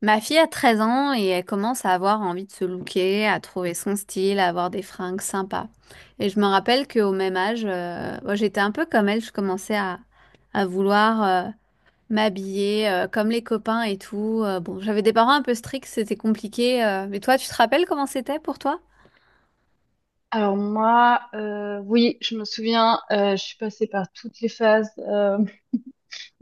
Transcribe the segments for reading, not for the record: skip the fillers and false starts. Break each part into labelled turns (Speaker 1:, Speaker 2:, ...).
Speaker 1: Ma fille a 13 ans et elle commence à avoir envie de se looker, à trouver son style, à avoir des fringues sympas. Et je me rappelle qu'au même âge, moi, j'étais un peu comme elle, je commençais à vouloir m'habiller comme les copains et tout. Bon, j'avais des parents un peu stricts, c'était compliqué. Mais toi, tu te rappelles comment c'était pour toi?
Speaker 2: Alors moi, oui, je me souviens, je suis passée par toutes les phases,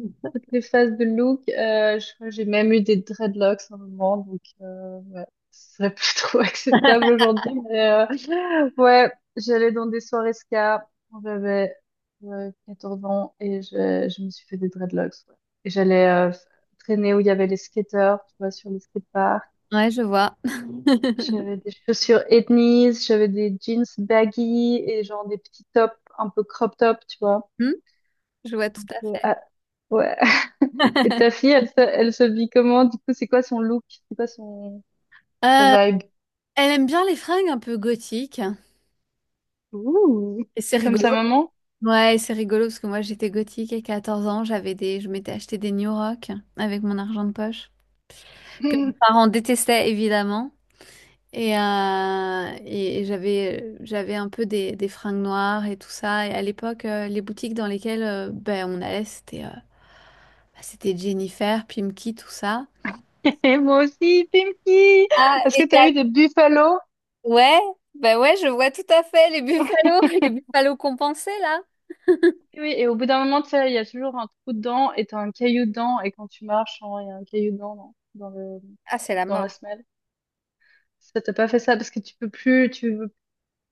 Speaker 2: toutes les phases de look. Je crois que j'ai même eu des dreadlocks à un moment, donc ouais, ce serait plus trop acceptable aujourd'hui. Mais ouais, j'allais dans des soirées ska quand j'avais 14 ans et je me suis fait des dreadlocks. Ouais. Et j'allais traîner où il y avait les skateurs, tu vois, sur les skateparks.
Speaker 1: Ouais, je vois.
Speaker 2: J'avais des chaussures ethnies, j'avais des jeans baggy et genre des petits tops un peu crop top, tu vois.
Speaker 1: Hmm je vois tout à fait.
Speaker 2: Ah, ouais. Et ta fille, elle, elle se vit comment? Du coup, c'est quoi son look? C'est quoi son sa
Speaker 1: Euh,
Speaker 2: vibe?
Speaker 1: Elle aime bien les fringues un peu gothiques.
Speaker 2: Ouh.
Speaker 1: Et c'est
Speaker 2: Comme sa
Speaker 1: rigolo.
Speaker 2: maman?
Speaker 1: Ouais, c'est rigolo parce que moi j'étais gothique et 14 ans, j'avais des je m'étais acheté des New Rock avec mon argent de poche que mes parents détestaient évidemment et j'avais un peu des fringues noires et tout ça, et à l'époque les boutiques dans lesquelles ben on allait c'était c'était Jennifer, Pimkie, tout ça.
Speaker 2: Et moi aussi, Pimki!
Speaker 1: Ah,
Speaker 2: Est-ce
Speaker 1: et
Speaker 2: que
Speaker 1: il y
Speaker 2: t'as
Speaker 1: a-
Speaker 2: eu des buffalo?
Speaker 1: Ouais, ben ouais, je vois tout à fait les Buffalo, les Buffalo compensés là.
Speaker 2: Oui, oui, et au bout d'un moment, tu sais, il y a toujours un trou dedans et t'as un caillou dedans. Et quand tu marches, genre, il y a un caillou dedans dans, dans le,
Speaker 1: Ah, c'est la
Speaker 2: dans la
Speaker 1: mort.
Speaker 2: semelle. Ça t'a pas fait ça parce que tu peux plus, tu veux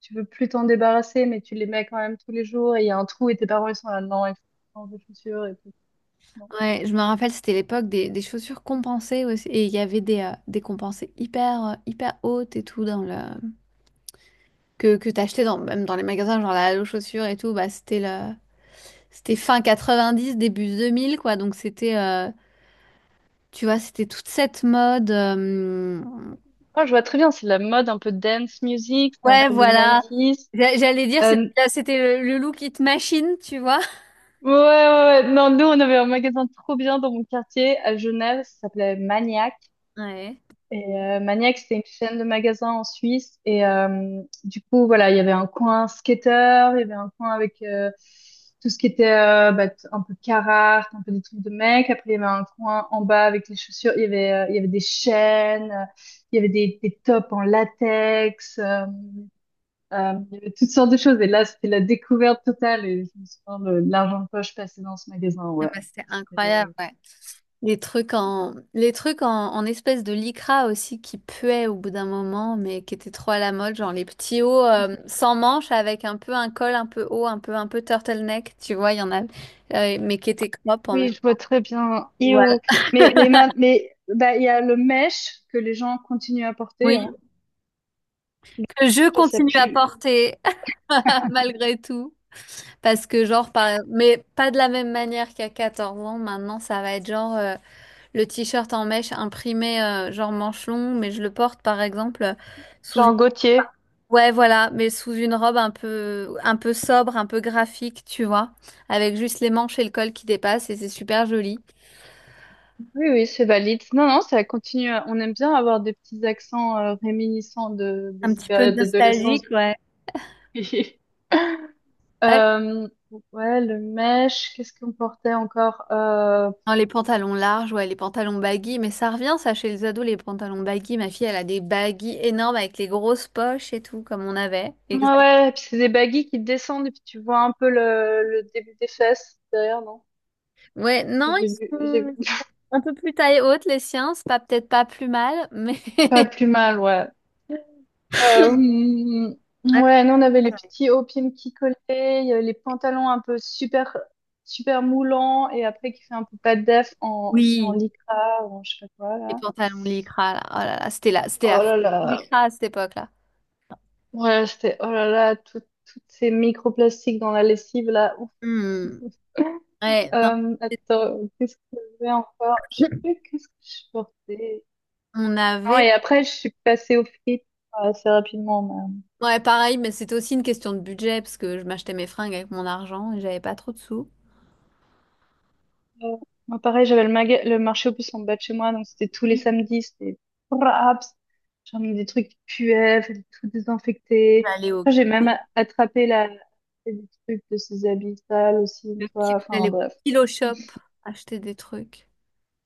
Speaker 2: tu veux plus t'en débarrasser, mais tu les mets quand même tous les jours et il y a un trou et tes parents ils sont là, non, il faut changer de chaussures et tout. Non.
Speaker 1: Ouais, je me rappelle, c'était l'époque des chaussures compensées aussi. Et il y avait des compensées hyper hautes et tout. Que t'achetais dans, même dans les magasins, genre la Halo Chaussures et tout. Bah, c'était fin 90, début 2000, quoi. Donc, c'était, tu vois, c'était toute cette mode.
Speaker 2: Ah, je vois très bien, c'est la mode un peu dance music, c'est un
Speaker 1: Ouais,
Speaker 2: peu les
Speaker 1: voilà.
Speaker 2: nineties.
Speaker 1: J'allais dire, c'était
Speaker 2: Euh,
Speaker 1: c'était le look it machine, tu vois.
Speaker 2: ouais, ouais, ouais, non, nous on avait un magasin trop bien dans mon quartier à Genève, ça s'appelait Maniac.
Speaker 1: Ouais.
Speaker 2: Et Maniac, c'était une chaîne de magasins en Suisse. Et du coup, voilà, il y avait un coin skater, il y avait un coin avec tout ce qui était bah, un peu Carhartt, un peu des trucs de mecs. Après, il y avait un coin en bas avec les chaussures. Il y avait des chaînes, il y avait des tops en latex. Il y avait toutes sortes de choses. Et là, c'était la découverte totale. Et je me souviens de l'argent de poche passé dans ce magasin.
Speaker 1: Ah,
Speaker 2: Ouais.
Speaker 1: bah, c'était incroyable, ouais. Les trucs en espèce de lycra aussi qui puaient au bout d'un moment, mais qui étaient trop à la mode, genre les petits hauts sans manches avec un peu un col un peu haut, un peu turtleneck, tu vois, il y en a, mais qui étaient crop en
Speaker 2: Oui,
Speaker 1: même.
Speaker 2: je vois très bien.
Speaker 1: Voilà.
Speaker 2: Io. Mais bah, il y a le mesh que les gens continuent à porter.
Speaker 1: Oui,
Speaker 2: Hein.
Speaker 1: que je
Speaker 2: Ça
Speaker 1: continue à
Speaker 2: pue.
Speaker 1: porter malgré tout, parce que genre, mais pas de la même manière qu'à 14 ans. Maintenant, ça va être genre le t-shirt en mèche imprimé genre manche longue, mais je le porte par exemple sous
Speaker 2: Jean Gaultier.
Speaker 1: ouais, voilà, mais sous une robe un peu sobre, un peu graphique, tu vois, avec juste les manches et le col qui dépassent, et c'est super joli.
Speaker 2: Oui, oui, c'est valide. Non, non, ça continue. On aime bien avoir des petits accents réminiscents de
Speaker 1: Un
Speaker 2: ces
Speaker 1: petit peu
Speaker 2: périodes d'adolescence.
Speaker 1: nostalgique, ouais. Ouais.
Speaker 2: Euh, ouais, le mesh, qu'est-ce qu'on portait encore?
Speaker 1: Non, les pantalons larges, ouais, les pantalons baggy, mais ça revient, ça, chez les ados, les pantalons baggy. Ma fille, elle a des baggy énormes avec les grosses poches et tout, comme on avait.
Speaker 2: Ouais,
Speaker 1: Exact.
Speaker 2: ouais, et puis c'est des baggy qui descendent et puis tu vois un peu le début des fesses derrière, non?
Speaker 1: Ouais,
Speaker 2: Ça,
Speaker 1: non, ils
Speaker 2: j'ai vu, j'ai vu.
Speaker 1: sont un peu plus taille haute, les siens, c'est pas peut-être pas plus mal, mais.
Speaker 2: Pas plus mal, ouais. Euh, hum,
Speaker 1: Ouais,
Speaker 2: ouais, nous on avait
Speaker 1: ouais,
Speaker 2: les
Speaker 1: ouais.
Speaker 2: petits hauts pieds qui collaient, il y avait les pantalons un peu super super moulants et après qui fait un peu pas def en aussi en
Speaker 1: Oui.
Speaker 2: lycra ou en je sais pas quoi
Speaker 1: Les
Speaker 2: là.
Speaker 1: pantalons lycra, là, oh là là, c'était la
Speaker 2: Oh là
Speaker 1: folie
Speaker 2: là.
Speaker 1: lycra à cette époque-là.
Speaker 2: Ouais, c'était oh là là toutes ces microplastiques dans la lessive là. Ouf.
Speaker 1: Hmm. Ouais, non.
Speaker 2: Attends, qu'est-ce que j'avais encore? Je sais plus qu'est-ce que je portais.
Speaker 1: On
Speaker 2: Non,
Speaker 1: avait.
Speaker 2: et après je suis passée aux frites assez rapidement.
Speaker 1: Ouais, pareil, mais c'était aussi une question de budget parce que je m'achetais mes fringues avec mon argent et j'avais pas trop de sous.
Speaker 2: Euh, Moi, pareil, j'avais le marché aux puces en bas de chez moi, donc c'était tous les samedis, c'était raps. J'emmenais des trucs qui puaient, fallait tout désinfecter.
Speaker 1: J'allais au...
Speaker 2: Après, j'ai même attrapé des trucs de ses habits sales aussi une
Speaker 1: le ki-
Speaker 2: fois. Enfin,
Speaker 1: j'allais au
Speaker 2: bref.
Speaker 1: Kilo Shop acheter des trucs.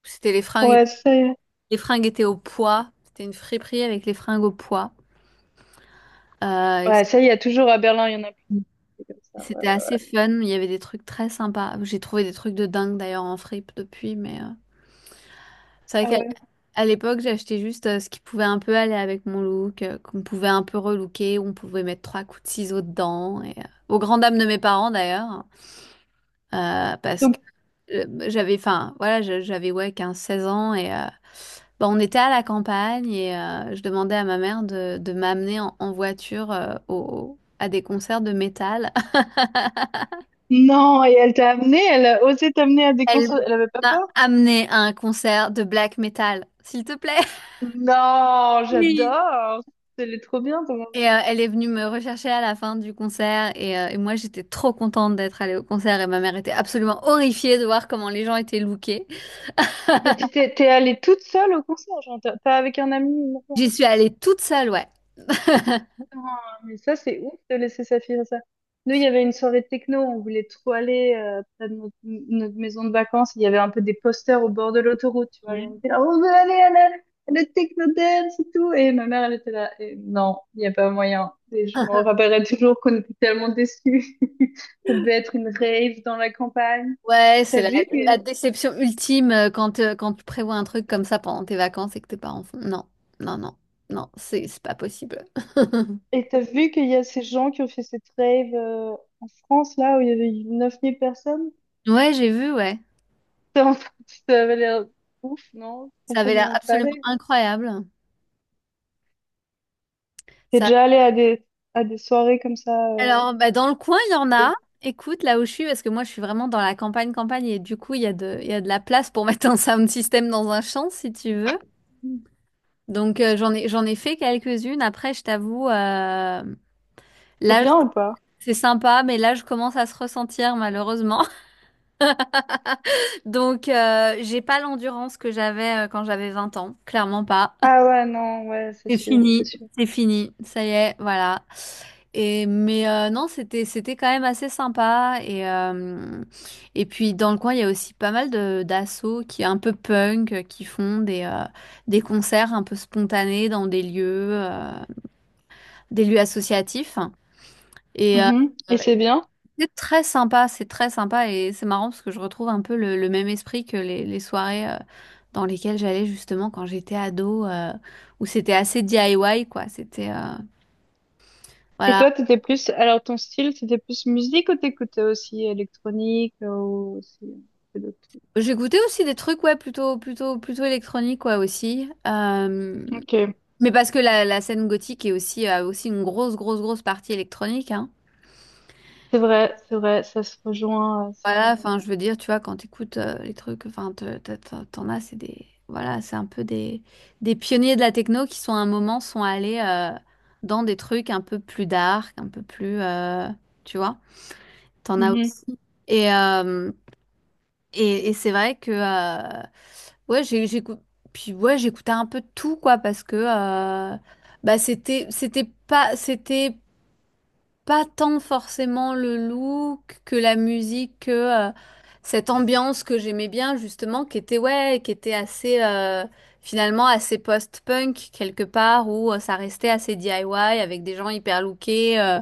Speaker 1: C'était les fringues,
Speaker 2: Ouais, ça y est.
Speaker 1: les fringues étaient au poids. C'était une friperie avec les fringues au poids. Et
Speaker 2: Ouais, ça y est, toujours à Berlin, il y en a plus. C'est comme ça. Ouais,
Speaker 1: c'était
Speaker 2: ouais.
Speaker 1: assez fun. Il y avait des trucs très sympas. J'ai trouvé des trucs de dingue d'ailleurs en fripe depuis, mais. C'est
Speaker 2: Ah
Speaker 1: vrai
Speaker 2: ouais.
Speaker 1: qu'à à l'époque, j'achetais juste ce qui pouvait un peu aller avec mon look, qu'on pouvait un peu relooker, où on pouvait mettre trois coups de ciseaux dedans. Et, aux grandes dames de mes parents d'ailleurs, parce que
Speaker 2: Donc,
Speaker 1: j'avais, enfin, voilà, j'avais, ouais, 15 16 ans et bah, on était à la campagne et je demandais à ma mère de m'amener en voiture à des concerts de métal.
Speaker 2: non, et elle t'a amené, elle a osé t'amener à des
Speaker 1: Elle
Speaker 2: concerts. Elle avait pas peur?
Speaker 1: m'a amené à un concert de black metal, s'il te plaît.
Speaker 2: Non,
Speaker 1: Oui.
Speaker 2: j'adore. Elle trop bien.
Speaker 1: Et elle est venue me rechercher à la fin du concert et moi j'étais trop contente d'être allée au concert et ma mère était absolument horrifiée de voir comment les gens étaient lookés.
Speaker 2: Mais tu t'es allée toute seule au concert, genre pas avec un ami, ni rien.
Speaker 1: J'y suis allée toute seule, ouais.
Speaker 2: Ah, mais ça, c'est ouf de laisser sa fille faire ça. Nous, il y avait une soirée techno, on voulait trop aller près de notre maison de vacances. Il y avait un peu des posters au bord de l'autoroute, tu vois. Et
Speaker 1: Ouais.
Speaker 2: on était là, on veut aller à la techno dance et tout. Et ma mère, elle était là. Et non, il n'y a pas moyen. Et je me rappellerai toujours qu'on était tellement déçus. Ça devait être une rave dans la campagne.
Speaker 1: Ouais,
Speaker 2: T'as
Speaker 1: c'est la,
Speaker 2: vu
Speaker 1: la
Speaker 2: que
Speaker 1: déception ultime quand tu prévois un truc comme ça pendant tes vacances et que tes parents font non, non, non, non, c'est pas possible.
Speaker 2: Et t'as vu qu'il y a ces gens qui ont fait cette rave en France, là, où il y avait 9 000 personnes?
Speaker 1: Ouais, j'ai vu, ouais.
Speaker 2: T'es en train- Ça avait l'air ouf, non?
Speaker 1: Ça avait l'air
Speaker 2: Complètement
Speaker 1: absolument
Speaker 2: taré.
Speaker 1: incroyable.
Speaker 2: T'es
Speaker 1: Ça
Speaker 2: déjà allé à des soirées comme ça?
Speaker 1: Alors, bah, dans le coin, il y en a.
Speaker 2: C'est
Speaker 1: Écoute, là où je suis, parce que moi, je suis vraiment dans la campagne, campagne, et du coup, il y a de la place pour mettre un sound system dans un champ, si tu veux. Donc, j'en ai fait quelques-unes. Après, je t'avoue,
Speaker 2: c'est
Speaker 1: là,
Speaker 2: bien ou pas?
Speaker 1: c'est sympa, mais là, je commence à se ressentir, malheureusement. Donc, j'ai pas l'endurance que j'avais quand j'avais 20 ans. Clairement pas.
Speaker 2: Ah ouais, non, ouais, c'est
Speaker 1: C'est
Speaker 2: sûr, c'est
Speaker 1: fini,
Speaker 2: sûr.
Speaker 1: c'est fini, ça y est, voilà. Et mais non, c'était quand même assez sympa et puis dans le coin il y a aussi pas mal de d'assos qui est un peu punk qui font des concerts un peu spontanés dans des lieux associatifs et
Speaker 2: Mhm. Et c'est bien?
Speaker 1: c'est très sympa et c'est marrant parce que je retrouve un peu le même esprit que les soirées dans lesquelles j'allais justement quand j'étais ado, où c'était assez DIY, quoi. C'était,
Speaker 2: Et
Speaker 1: voilà.
Speaker 2: toi, Alors, ton style, c'était plus musique ou t'écoutais aussi électronique ou aussi un peu d'autres trucs?
Speaker 1: J'ai goûté aussi des trucs, ouais, plutôt, plutôt, plutôt électroniques, ouais, aussi.
Speaker 2: Ok,
Speaker 1: Mais parce que la scène gothique est aussi, a aussi une grosse, grosse, grosse partie électronique, hein.
Speaker 2: c'est vrai, ça se rejoint à
Speaker 1: Voilà,
Speaker 2: certains
Speaker 1: enfin, je veux dire, tu vois, quand t'écoutes les trucs, enfin, t'en as, c'est des, voilà, c'est un peu des pionniers de la techno qui sont à un moment sont allés dans des trucs un peu plus dark, un peu plus, tu vois, t'en
Speaker 2: points.
Speaker 1: as
Speaker 2: Mhm.
Speaker 1: aussi. Et, euh, et c'est vrai que ouais j'ai j'écoute puis ouais, j'écoutais un peu de tout quoi parce que euh, bah c'était pas tant forcément le look que la musique que cette ambiance que j'aimais bien, justement, qui était, ouais, qui était assez finalement assez post-punk quelque part où ça restait assez DIY avec des gens hyper lookés,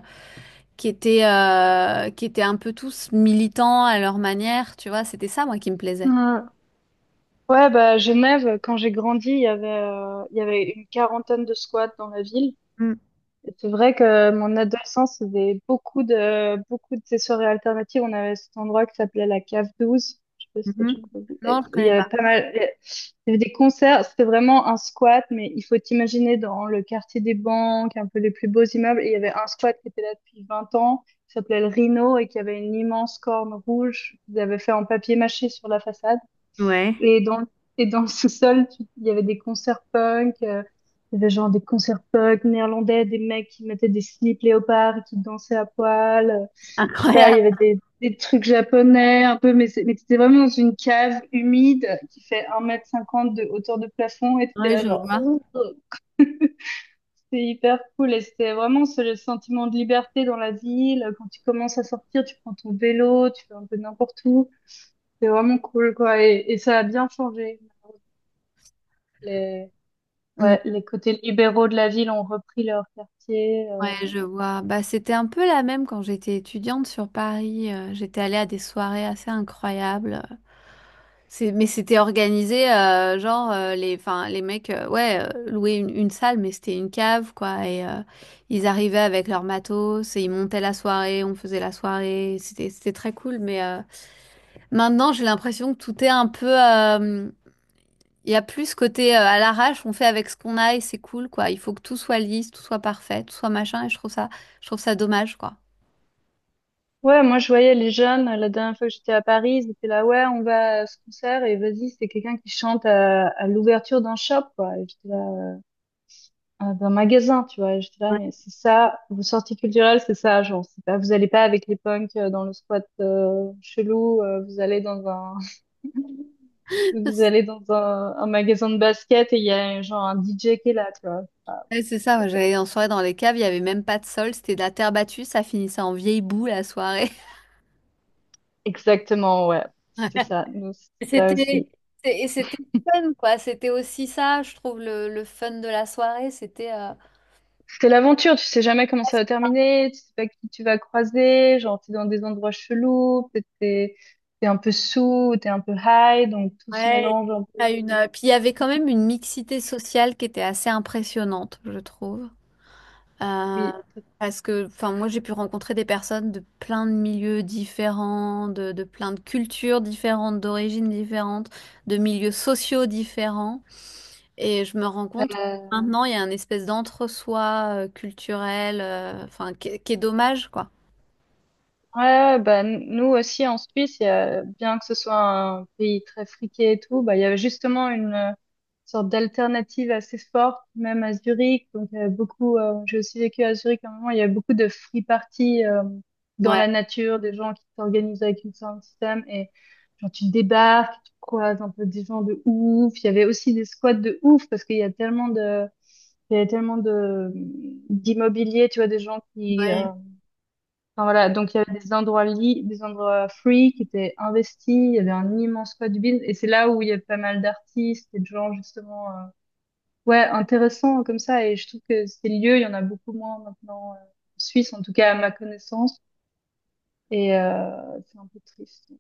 Speaker 1: qui étaient un peu tous militants à leur manière, tu vois, c'était ça moi qui me plaisait.
Speaker 2: Ouais. Ouais, bah, à Genève, quand j'ai grandi, il y avait une quarantaine de squats dans la ville. Et c'est vrai que mon adolescence, il y avait beaucoup de ces soirées alternatives. On avait cet endroit qui s'appelait la Cave 12. Je sais pas si t'as déjà
Speaker 1: Mhm.
Speaker 2: entendu.
Speaker 1: Non,
Speaker 2: Et
Speaker 1: je
Speaker 2: il y
Speaker 1: connais pas.
Speaker 2: avait pas mal, il y avait des concerts. C'était vraiment un squat, mais il faut t'imaginer dans le quartier des banques, un peu les plus beaux immeubles. Et il y avait un squat qui était là depuis 20 ans, qui s'appelait le Rhino et qui avait une immense corne rouge qu'ils avaient fait en papier mâché sur la façade.
Speaker 1: Ouais.
Speaker 2: Et dans, et dans le sous-sol, il y avait des concerts punk, il y avait genre des concerts punk néerlandais, des mecs qui mettaient des slips léopards et qui dansaient à poil. Je sais pas,
Speaker 1: Incroyable.
Speaker 2: il y avait des trucs japonais un peu, mais mais t'étais vraiment dans une cave humide qui fait 1,50 m de hauteur de plafond et t'étais
Speaker 1: Oui,
Speaker 2: là
Speaker 1: je
Speaker 2: genre,
Speaker 1: vois.
Speaker 2: ouh. C'était hyper cool et c'était vraiment ce sentiment de liberté dans la ville. Quand tu commences à sortir, tu prends ton vélo, tu fais un peu n'importe où. C'est vraiment cool, quoi. Et ça a bien changé.
Speaker 1: Mm.
Speaker 2: Ouais, les côtés libéraux de la ville ont repris leur quartier.
Speaker 1: Ouais, je vois. Bah, c'était un peu la même quand j'étais étudiante sur Paris. J'étais allée à des soirées assez incroyables. C'est, mais c'était organisé, genre, enfin, les mecs, ouais, louaient une salle, mais c'était une cave, quoi. Et ils arrivaient avec leur matos et ils montaient la soirée, on faisait la soirée. C'était, très cool. Mais maintenant, j'ai l'impression que tout est un peu. Il y a plus ce côté à l'arrache, on fait avec ce qu'on a et c'est cool, quoi. Il faut que tout soit lisse, tout soit parfait, tout soit machin, et je trouve ça dommage, quoi.
Speaker 2: Ouais, moi je voyais les jeunes, la dernière fois que j'étais à Paris, ils étaient là, ouais, on va à ce concert et vas-y, c'est quelqu'un qui chante à l'ouverture d'un shop, quoi. Et j'étais là, ah, d'un magasin, tu vois. Et j'étais là, mais c'est ça, vos sorties culturelles, c'est ça, genre, c'est pas, vous allez pas avec les punks dans le squat chelou, vous allez dans un, vous allez dans un magasin de basket et il y a genre un DJ qui est là, tu vois. Enfin.
Speaker 1: Ouais, c'est ça, moi j'allais en soirée dans les caves, il n'y avait même pas de sol, c'était de la terre battue, ça finissait en vieille boue la soirée.
Speaker 2: Exactement, ouais. C'était ça. Nous, c'était
Speaker 1: Et
Speaker 2: ça
Speaker 1: C'était,
Speaker 2: aussi.
Speaker 1: et c'était fun, quoi. C'était aussi ça, je trouve, le fun de la soirée.
Speaker 2: C'est l'aventure, tu sais jamais comment ça va terminer, tu sais pas qui tu vas croiser, genre t'es dans des endroits chelous, peut-être t'es un peu sous, t'es un peu high, donc tout se
Speaker 1: Ouais.
Speaker 2: mélange un peu.
Speaker 1: Puis il y avait quand même une mixité sociale qui était assez impressionnante, je trouve. Euh,
Speaker 2: Oui.
Speaker 1: Parce que, enfin, moi, j'ai pu rencontrer des personnes de plein de milieux différents, de plein de cultures différentes, d'origines différentes, de milieux sociaux différents. Et je me rends compte que maintenant, il y a un espèce d'entre-soi culturel, enfin, qui est dommage, quoi.
Speaker 2: Ouais, ouais, bah, nous aussi en Suisse, bien que ce soit un pays très friqué et tout, bah, il y avait justement une sorte d'alternative assez forte, même à Zurich. Donc, il y avait beaucoup, j'ai aussi vécu à Zurich à un moment, il y avait beaucoup de free parties dans
Speaker 1: Ouais,
Speaker 2: la nature, des gens qui s'organisent avec une sorte de système et genre tu débarques, tu croises un peu des gens de ouf. Il y avait aussi des squats de ouf parce qu'il y a tellement de d'immobilier, tu vois, des gens qui
Speaker 1: ouais.
Speaker 2: Enfin, voilà, donc il y avait des endroits des endroits free qui étaient investis, il y avait un immense code build et c'est là où il y a pas mal d'artistes et de gens justement ouais, intéressants comme ça et je trouve que ces lieux, il y en a beaucoup moins maintenant en Suisse en tout cas à ma connaissance et c'est un peu triste.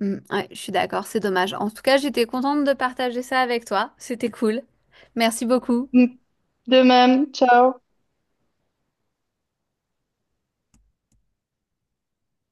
Speaker 1: Mm, ouais, je suis d'accord, c'est dommage. En tout cas, j'étais contente de partager ça avec toi. C'était cool. Merci beaucoup.
Speaker 2: Mm. De même, ciao.